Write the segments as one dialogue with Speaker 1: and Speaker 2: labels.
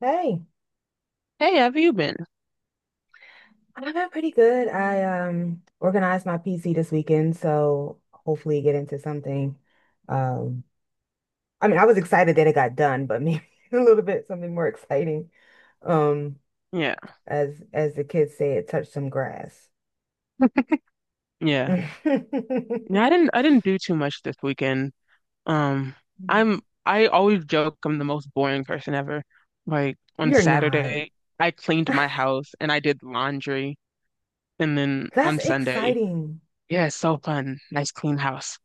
Speaker 1: Hey,
Speaker 2: Hey, have you been?
Speaker 1: I've been pretty good. I organized my PC this weekend, so hopefully get into something. Um, I mean, I was excited that it got done, but maybe a little bit something more exciting. Um,
Speaker 2: Yeah,
Speaker 1: as the kids say, it touched some grass.
Speaker 2: yeah. Yeah, I didn't do too much this weekend. Um, I'm I always joke I'm the most boring person ever. Like on
Speaker 1: You're not.
Speaker 2: Saturday, I cleaned my house and I did laundry, and then
Speaker 1: That's
Speaker 2: on Sunday,
Speaker 1: exciting.
Speaker 2: yeah, it's so fun. Nice clean house.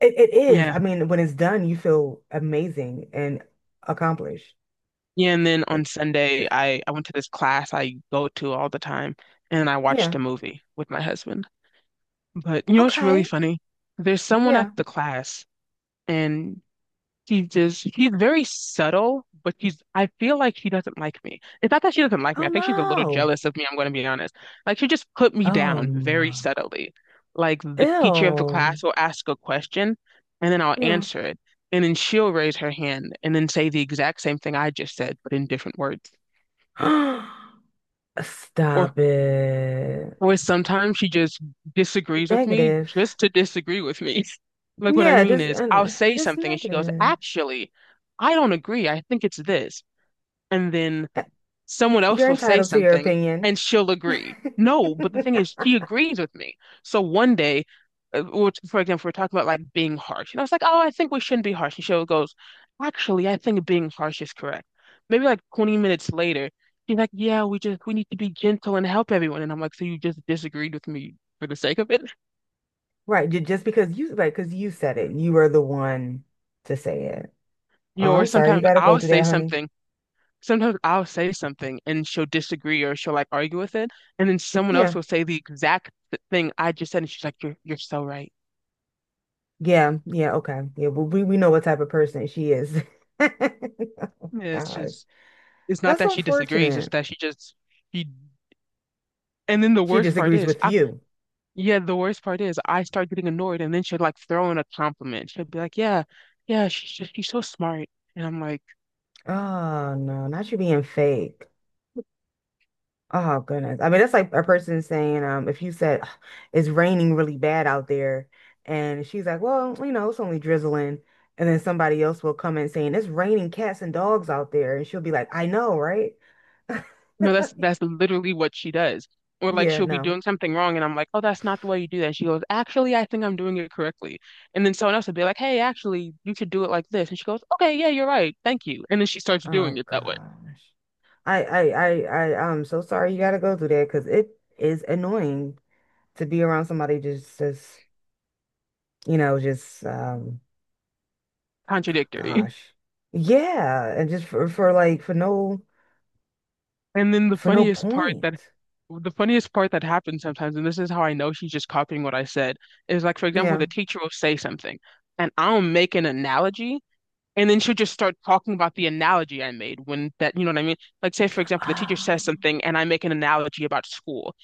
Speaker 1: It is.
Speaker 2: Yeah.
Speaker 1: I mean, when it's done, you feel amazing and accomplished.
Speaker 2: Yeah, and then on
Speaker 1: Like,
Speaker 2: Sunday, I went to this class I go to all the time, and I watched
Speaker 1: yeah.
Speaker 2: a movie with my husband. But you know what's really
Speaker 1: Okay.
Speaker 2: funny? There's someone at
Speaker 1: Yeah.
Speaker 2: the class, and she's very subtle, but I feel like she doesn't like me. It's not that she doesn't like me.
Speaker 1: Oh
Speaker 2: I think she's a little
Speaker 1: no.
Speaker 2: jealous of me, I'm going to be honest. Like, she just put me
Speaker 1: Oh
Speaker 2: down very
Speaker 1: no.
Speaker 2: subtly. Like, the teacher of the
Speaker 1: Ew.
Speaker 2: class will ask a question, and then I'll
Speaker 1: Yeah.
Speaker 2: answer it. And then she'll raise her hand and then say the exact same thing I just said, but in different words. Or,
Speaker 1: Stop it.
Speaker 2: or sometimes she just disagrees with me
Speaker 1: Negative.
Speaker 2: just to disagree with me. Like, what I
Speaker 1: Yeah,
Speaker 2: mean
Speaker 1: just
Speaker 2: is, I'll
Speaker 1: and
Speaker 2: say
Speaker 1: just
Speaker 2: something and she goes,
Speaker 1: negative.
Speaker 2: actually, I don't agree. I think it's this. And then
Speaker 1: Uh,
Speaker 2: someone else
Speaker 1: You're
Speaker 2: will say
Speaker 1: entitled to your
Speaker 2: something
Speaker 1: opinion.
Speaker 2: and she'll agree. No, but the thing is, she agrees with me. So one day, which, for example, we're talking about like being harsh, and I was like, "Oh, I think we shouldn't be harsh." And she goes, "Actually, I think being harsh is correct." Maybe like 20 minutes later, she's like, "Yeah, we need to be gentle and help everyone." And I'm like, "So you just disagreed with me for the sake of it?"
Speaker 1: Right, just because you right, because you said it. You were the one to say it.
Speaker 2: You
Speaker 1: Oh,
Speaker 2: know, or
Speaker 1: I'm sorry, you
Speaker 2: sometimes
Speaker 1: gotta go
Speaker 2: I'll
Speaker 1: through
Speaker 2: say
Speaker 1: that, honey.
Speaker 2: something sometimes I'll say something and she'll disagree or she'll like argue with it, and then someone else
Speaker 1: Yeah.
Speaker 2: will say the exact thing I just said, and she's like, "You're so right."
Speaker 1: Yeah, yeah, okay. Yeah, well, we know what type of person she is. God,
Speaker 2: Yeah, it's not
Speaker 1: that's
Speaker 2: that she disagrees, it's
Speaker 1: unfortunate.
Speaker 2: that she just she. And then the
Speaker 1: She
Speaker 2: worst part
Speaker 1: disagrees
Speaker 2: is,
Speaker 1: with
Speaker 2: I
Speaker 1: you.
Speaker 2: yeah, the worst part is I start getting annoyed, and then she'll like throw in a compliment. She'll be like, "Yeah, yeah, she's so smart," and I'm like.
Speaker 1: Oh no, not you being fake. Oh goodness. I mean, that's like a person saying, if you said, "Ugh, it's raining really bad out there," and she's like, "Well, you know, it's only drizzling," and then somebody else will come in saying it's raining cats and dogs out there, and she'll be like, "I know, right?"
Speaker 2: No, that's that's literally what she does. Or like
Speaker 1: Yeah,
Speaker 2: she'll be
Speaker 1: no.
Speaker 2: doing something wrong and I'm like, "Oh, that's not the way you do that." And she goes, "Actually, I think I'm doing it correctly." And then someone else will be like, "Hey, actually, you should do it like this." And she goes, "Okay, yeah, you're right. Thank you." And then she starts doing
Speaker 1: Oh
Speaker 2: it that way.
Speaker 1: gosh. I I I I'm so sorry you gotta go through that because it is annoying to be around somebody just just.
Speaker 2: Contradictory.
Speaker 1: Gosh. Yeah, and just for like
Speaker 2: And then the
Speaker 1: for no
Speaker 2: funniest part that
Speaker 1: point.
Speaker 2: the funniest part that happens sometimes, and this is how I know she's just copying what I said, is like for example,
Speaker 1: Yeah.
Speaker 2: the teacher will say something and I'll make an analogy. And then she'll just start talking about the analogy I made when that, you know what I mean? Like, say, for example, the teacher
Speaker 1: Ah,
Speaker 2: says something and I make an analogy about school.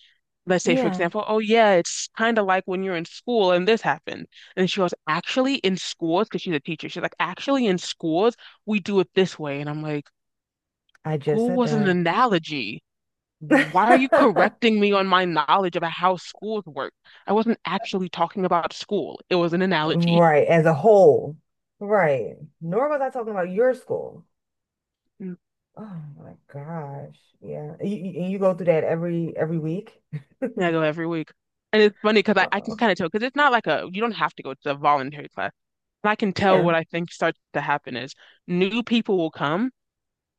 Speaker 2: Let's say, for
Speaker 1: yeah.
Speaker 2: example, oh, yeah, it's kind of like when you're in school and this happened. And she goes, actually, in schools, because she's a teacher, she's like, actually, in schools, we do it this way. And I'm like,
Speaker 1: I just
Speaker 2: school
Speaker 1: said
Speaker 2: was an
Speaker 1: that.
Speaker 2: analogy. Why are you correcting me on my knowledge about how schools work? I wasn't actually talking about school, it was an analogy.
Speaker 1: Right, as a whole. Right. Nor was I talking about your school. Oh my gosh. Yeah. And you go through that every week?
Speaker 2: Yeah, I go every week. And it's funny because I can
Speaker 1: Oh,
Speaker 2: kind of tell because it's not like a you don't have to go to a voluntary class. But I can tell
Speaker 1: yeah.
Speaker 2: what I think starts to happen is new people will come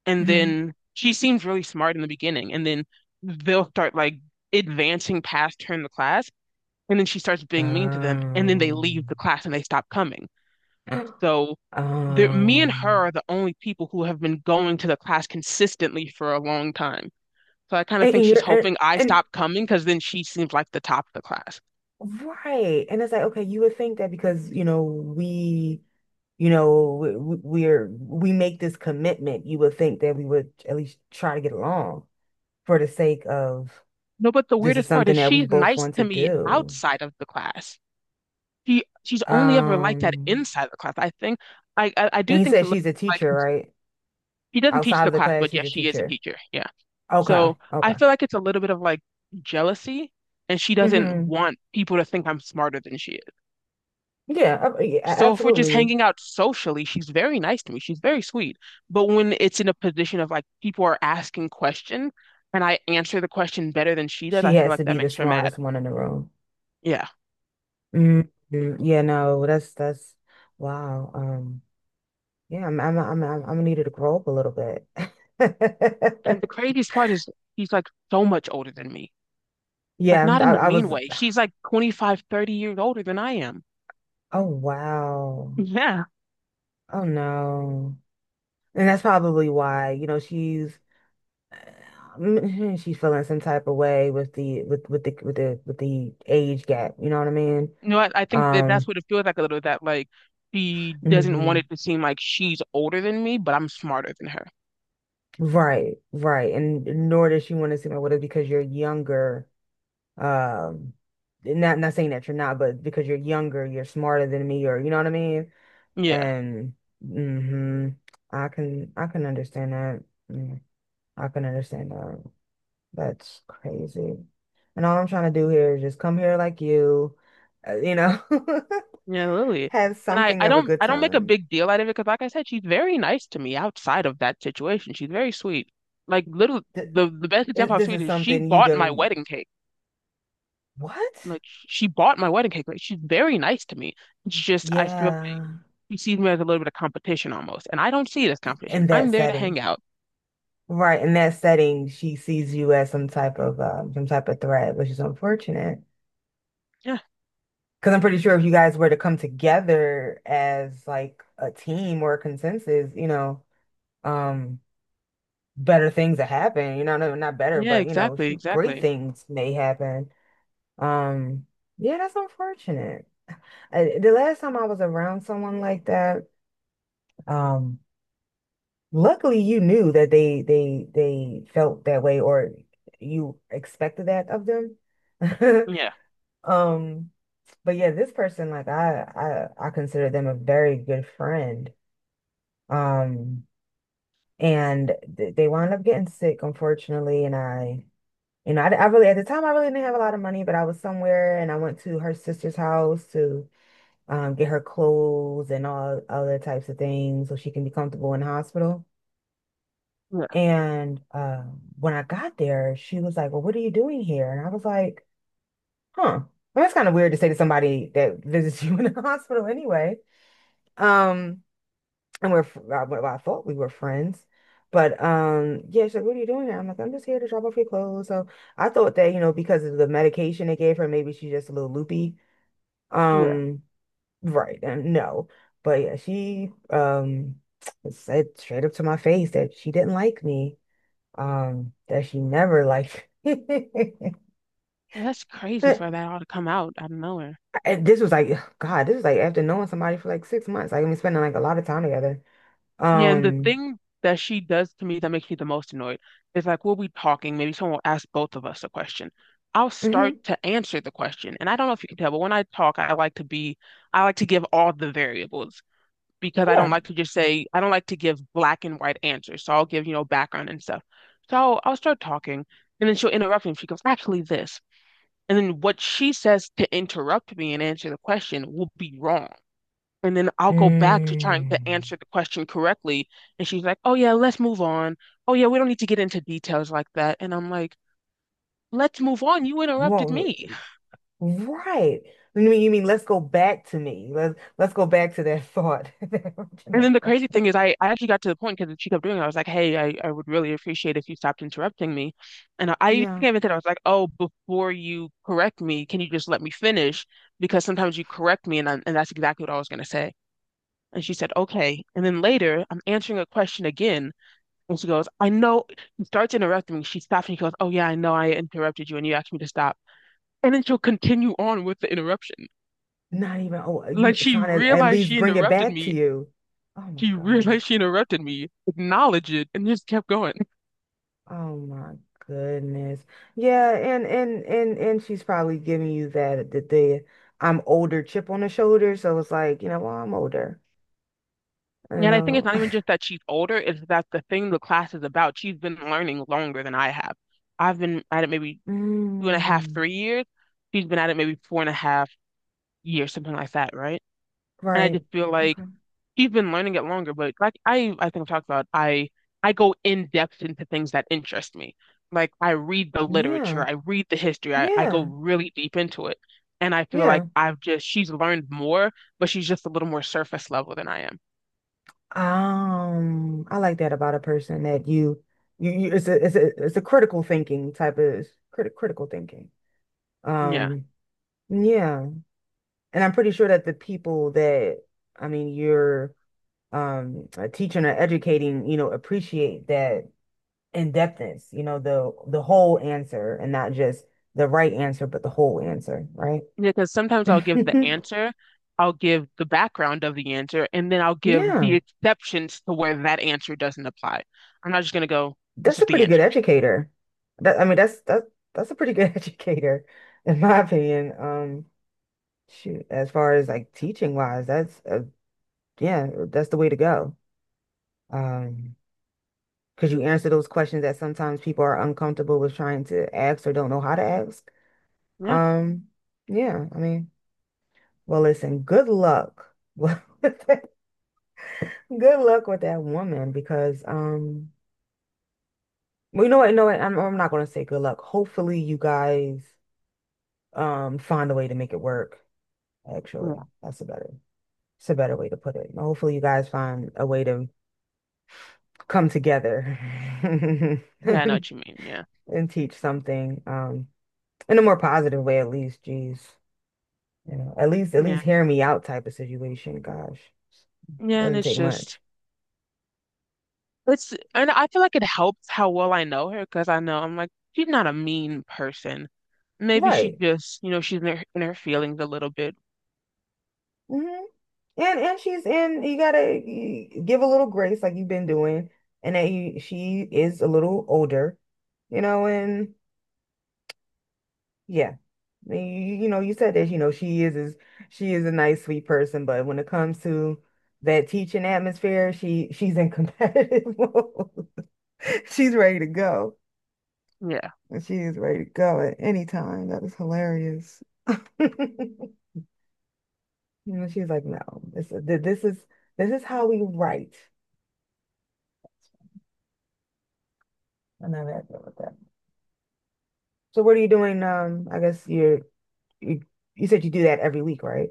Speaker 2: and
Speaker 1: Hmm.
Speaker 2: then she seems really smart in the beginning and then they'll start like advancing past her in the class and then she starts being mean to them and then they
Speaker 1: Um,
Speaker 2: leave the class and they stop coming. So there, me and her are
Speaker 1: um,
Speaker 2: the only people who have been going to the class consistently for a long time. So I kind of
Speaker 1: and,
Speaker 2: think
Speaker 1: and
Speaker 2: she's
Speaker 1: you're and,
Speaker 2: hoping I
Speaker 1: and
Speaker 2: stop coming because then she seems like the top of the class.
Speaker 1: Right. And it's like, okay, you would think that because, you know, you know, we're, we make this commitment, you would think that we would at least try to get along for the sake of
Speaker 2: No, but the
Speaker 1: this is
Speaker 2: weirdest part
Speaker 1: something
Speaker 2: is
Speaker 1: that we
Speaker 2: she's
Speaker 1: both
Speaker 2: nice
Speaker 1: want
Speaker 2: to
Speaker 1: to
Speaker 2: me
Speaker 1: do.
Speaker 2: outside of the class. She's only ever like that
Speaker 1: Um,
Speaker 2: inside the class. I think I do
Speaker 1: and you
Speaker 2: think it's
Speaker 1: said
Speaker 2: a little
Speaker 1: she's a
Speaker 2: like
Speaker 1: teacher, right?
Speaker 2: she doesn't teach
Speaker 1: Outside of
Speaker 2: the
Speaker 1: the
Speaker 2: class,
Speaker 1: class,
Speaker 2: but
Speaker 1: she's
Speaker 2: yeah,
Speaker 1: a
Speaker 2: she is a
Speaker 1: teacher.
Speaker 2: teacher. Yeah.
Speaker 1: Okay.
Speaker 2: So
Speaker 1: Okay.
Speaker 2: I feel like it's a little bit of like jealousy and she doesn't
Speaker 1: Hmm.
Speaker 2: want people to think I'm smarter than she is.
Speaker 1: Yeah, yeah,
Speaker 2: So if we're just
Speaker 1: absolutely.
Speaker 2: hanging out socially, she's very nice to me. She's very sweet. But when it's in a position of like people are asking questions and I answer the question better than she does,
Speaker 1: She
Speaker 2: I feel
Speaker 1: has
Speaker 2: like
Speaker 1: to be
Speaker 2: that
Speaker 1: the
Speaker 2: makes her mad.
Speaker 1: smartest one in the room.
Speaker 2: Yeah.
Speaker 1: Hmm. Yeah, no, wow. Yeah, I'm gonna grow up a little bit.
Speaker 2: And the craziest part is she's like so much older than me. Like
Speaker 1: Yeah,
Speaker 2: not in a
Speaker 1: I
Speaker 2: mean
Speaker 1: was.
Speaker 2: way. She's like 25, 30 years older than I am.
Speaker 1: Oh wow.
Speaker 2: Yeah.
Speaker 1: Oh no. And that's probably why, you know, she's mm, she's feeling some type of way with the age gap. You know what I mean?
Speaker 2: You know, I think that that's
Speaker 1: Um.
Speaker 2: what it feels like a little that like she doesn't want
Speaker 1: Mhm.
Speaker 2: it to seem like she's older than me, but I'm smarter than her.
Speaker 1: Right. Right. And nor does she want to seem like what it is because you're younger. Um. Not not saying that you're not, but because you're younger, you're smarter than me, or you know what I mean?
Speaker 2: Yeah.
Speaker 1: And hmm I can understand that. Mm, I can understand that. That's crazy. And all I'm trying to do here is just come here like you, you know,
Speaker 2: Yeah, Lily.
Speaker 1: have
Speaker 2: And I,
Speaker 1: something
Speaker 2: I
Speaker 1: of a
Speaker 2: don't
Speaker 1: good
Speaker 2: I don't make a
Speaker 1: time.
Speaker 2: big deal out of it because like I said, she's very nice to me outside of that situation. She's very sweet. Like little
Speaker 1: Th-
Speaker 2: the best example of
Speaker 1: This
Speaker 2: sweet
Speaker 1: is
Speaker 2: is she
Speaker 1: something you
Speaker 2: bought my
Speaker 1: done
Speaker 2: wedding cake.
Speaker 1: what?
Speaker 2: Like she bought my wedding cake. Like she's very nice to me. It's just I feel
Speaker 1: Yeah.
Speaker 2: he sees me as a little bit of competition almost. And I don't see it as competition.
Speaker 1: In that
Speaker 2: I'm there to hang
Speaker 1: setting.
Speaker 2: out.
Speaker 1: Right. In that setting, she sees you as some type of threat, which is unfortunate.
Speaker 2: Yeah.
Speaker 1: Because I'm pretty sure if you guys were to come together as like a team or a consensus, you know, um, better things that happen. You know, no, not better,
Speaker 2: Yeah,
Speaker 1: but you know,
Speaker 2: exactly,
Speaker 1: shoot, great
Speaker 2: exactly.
Speaker 1: things may happen. Um, yeah, that's unfortunate. The last time I was around someone like that, um, luckily you knew that they felt that way or you expected that of them.
Speaker 2: Yeah.
Speaker 1: Um, but yeah, this person, like I consider them a very good friend. Um, and th they wound up getting sick, unfortunately. And you know, I really, at the time, I really didn't have a lot of money, but I was somewhere and I went to her sister's house to get her clothes and all other types of things so she can be comfortable in the hospital.
Speaker 2: Yeah.
Speaker 1: And when I got there, she was like, "Well, what are you doing here?" And I was like, huh. Well, that's kind of weird to say to somebody that visits you in the hospital anyway. Um, And we're, well, I thought we were friends. But yeah, she's like, "What are you doing here?" I'm like, "I'm just here to drop off your clothes." So I thought that, you know, because of the medication they gave her, maybe she's just a little loopy.
Speaker 2: Yeah.
Speaker 1: Um, right. And no. But yeah, she said straight up to my face that she didn't like me. That she never liked me.
Speaker 2: Well, that's crazy for that all to come out of nowhere.
Speaker 1: And this was like, God, this was like after knowing somebody for like six months. Like, I mean, spending like a lot of time together.
Speaker 2: Yeah, and the
Speaker 1: Um,
Speaker 2: thing that she does to me that makes me the most annoyed is like we'll be talking, maybe someone will ask both of us a question. I'll start
Speaker 1: mhm,
Speaker 2: to answer the question. And I don't know if you can tell, but when I talk, I like to give all the variables. Because I don't
Speaker 1: yeah.
Speaker 2: like to just say, I don't like to give black and white answers. So I'll give, background and stuff. So I'll start talking and then she'll interrupt me. She goes, actually, this. And then what she says to interrupt me and answer the question will be wrong. And then I'll go back to trying to answer
Speaker 1: Mm.
Speaker 2: the question correctly. And she's like, oh, yeah, let's move on. Oh, yeah, we don't need to get into details like that. And I'm like, let's move on. You interrupted
Speaker 1: Well,
Speaker 2: me.
Speaker 1: right. You mean let's go back to me. Let's go back to that thought, that
Speaker 2: And
Speaker 1: original
Speaker 2: then the
Speaker 1: thought.
Speaker 2: crazy thing is, I actually got to the point because she kept doing it. I was like, hey, I would really appreciate if you stopped interrupting me. And I
Speaker 1: Yeah.
Speaker 2: think I even said, I was like, oh, before you correct me, can you just let me finish? Because sometimes you correct me, and that's exactly what I was going to say. And she said, okay. And then later, I'm answering a question again. And she goes, I know. She starts interrupting me. She stops and she goes, oh, yeah, I know I interrupted you and you asked me to stop. And then she'll continue on with the interruption.
Speaker 1: Not even, oh, you know,
Speaker 2: Like she
Speaker 1: trying to at
Speaker 2: realized
Speaker 1: least
Speaker 2: she
Speaker 1: bring it
Speaker 2: interrupted
Speaker 1: back to
Speaker 2: me
Speaker 1: you. Oh my
Speaker 2: She
Speaker 1: gosh.
Speaker 2: realized she interrupted me, acknowledged it, and just kept going.
Speaker 1: Oh my goodness. Yeah, and she's probably giving you that the I'm older chip on the shoulder. So it's like, you know, well, I'm older, you
Speaker 2: And I think it's
Speaker 1: know.
Speaker 2: not even just that she's older, it's that the thing the class is about. She's been learning longer than I have. I've been at it maybe 2.5,
Speaker 1: Mm,
Speaker 2: 3 years. She's been at it maybe 4.5 years, something like that, right? And I
Speaker 1: right.
Speaker 2: just feel like
Speaker 1: Okay.
Speaker 2: she's been learning it longer, but like I think I've talked about, I go in depth into things that interest me. Like I read the literature,
Speaker 1: Yeah.
Speaker 2: I read the history, I go
Speaker 1: Yeah.
Speaker 2: really deep into it, and I feel like
Speaker 1: Yeah.
Speaker 2: I've just she's learned more, but she's just a little more surface level than I am.
Speaker 1: I like that about a person that you it's a critical thinking type of critical thinking.
Speaker 2: Yeah,
Speaker 1: Um, yeah, and I'm pretty sure that the people that, I mean, you're teaching or educating, you know, appreciate that in-depthness, you know, the whole answer and not just the right answer, but the whole answer, right?
Speaker 2: yeah, because sometimes I'll give the answer, I'll give the background of the answer, and then I'll give the
Speaker 1: Yeah.
Speaker 2: exceptions to where that answer doesn't apply. I'm not just gonna go, this
Speaker 1: That's a
Speaker 2: is the
Speaker 1: pretty good
Speaker 2: answer.
Speaker 1: educator. That I mean, that's a pretty good educator, in my opinion. Shoot, as far as like teaching wise, that's yeah, that's the way to go. Um, because you answer those questions that sometimes people are uncomfortable with trying to ask or don't know how to ask.
Speaker 2: Yeah,
Speaker 1: Um, yeah, I mean, well, listen, good luck with that- good luck with that woman because well, you know what? You know what? I'm not gonna say good luck. Hopefully, you guys find a way to make it work, actually.
Speaker 2: yeah,
Speaker 1: That's a better it's a better way to put it. And hopefully you guys find a way to come together
Speaker 2: yeah. I know
Speaker 1: and
Speaker 2: what you mean. Yeah,
Speaker 1: teach something in a more positive way, at least. Geez, you know, at
Speaker 2: yeah,
Speaker 1: least hear me out type of situation. Gosh,
Speaker 2: yeah. And
Speaker 1: doesn't
Speaker 2: it's
Speaker 1: take
Speaker 2: just.
Speaker 1: much.
Speaker 2: It's and I feel like it helps how well I know her because I know I'm like she's not a mean person. Maybe she
Speaker 1: Right.
Speaker 2: just, she's in her feelings a little bit.
Speaker 1: Hmm. And she's in you gotta give a little grace like you've been doing. And that you she is a little older, you know. And yeah. You know, you said that, you know, she is she is a nice, sweet person, but when it comes to that teaching atmosphere, she's in competitive mode. She's ready to go.
Speaker 2: Yeah,
Speaker 1: She is ready to go at any time. That was hilarious. You know, she's like, no, this th- this is this is how we write. I never had to deal with that. So what are you doing? I guess you're you, you said you do that every week, right?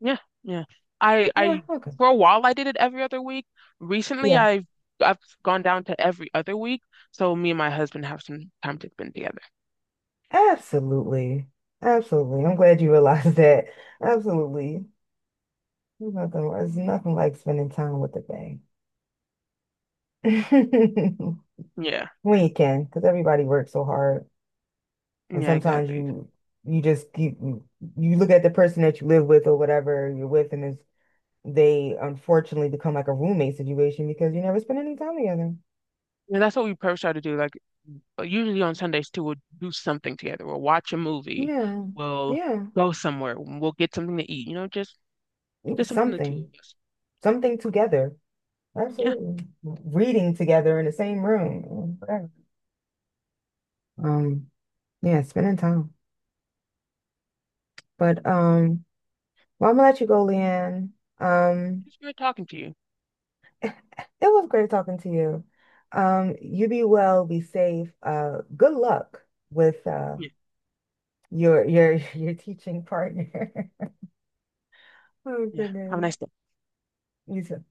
Speaker 2: yeah, yeah. I
Speaker 1: Yeah,
Speaker 2: I
Speaker 1: okay.
Speaker 2: for a while I did it every other week. Recently
Speaker 1: Yeah.
Speaker 2: I've gone down to every other week, so me and my husband have some time to spend together.
Speaker 1: Absolutely. Absolutely. I'm glad you realized that. Absolutely. There's nothing like spending time with the thing.
Speaker 2: Yeah,
Speaker 1: When you can, because everybody works so hard. And
Speaker 2: yeah,
Speaker 1: sometimes
Speaker 2: exactly.
Speaker 1: you you just keep you look at the person that you live with or whatever you're with, and it's, they unfortunately become like a roommate situation because you never spend any time together.
Speaker 2: Yeah, that's what we first try to do. Like usually on Sundays too, we'll do something together. We'll watch a movie.
Speaker 1: Yeah.
Speaker 2: We'll
Speaker 1: Yeah.
Speaker 2: go somewhere. We'll get something to eat. You know, just something the two
Speaker 1: Something.
Speaker 2: of us.
Speaker 1: Something together.
Speaker 2: Yeah.
Speaker 1: Absolutely. Reading together in the same room. Um, yeah, spending time. But well, I'm gonna let you go, Leanne. Um,
Speaker 2: It's good talking to you.
Speaker 1: it was great talking to you. You be well, be safe. Good luck with
Speaker 2: Yeah.
Speaker 1: your your teaching partner. Oh
Speaker 2: Yeah. Have a
Speaker 1: goodness.
Speaker 2: nice day.
Speaker 1: You too.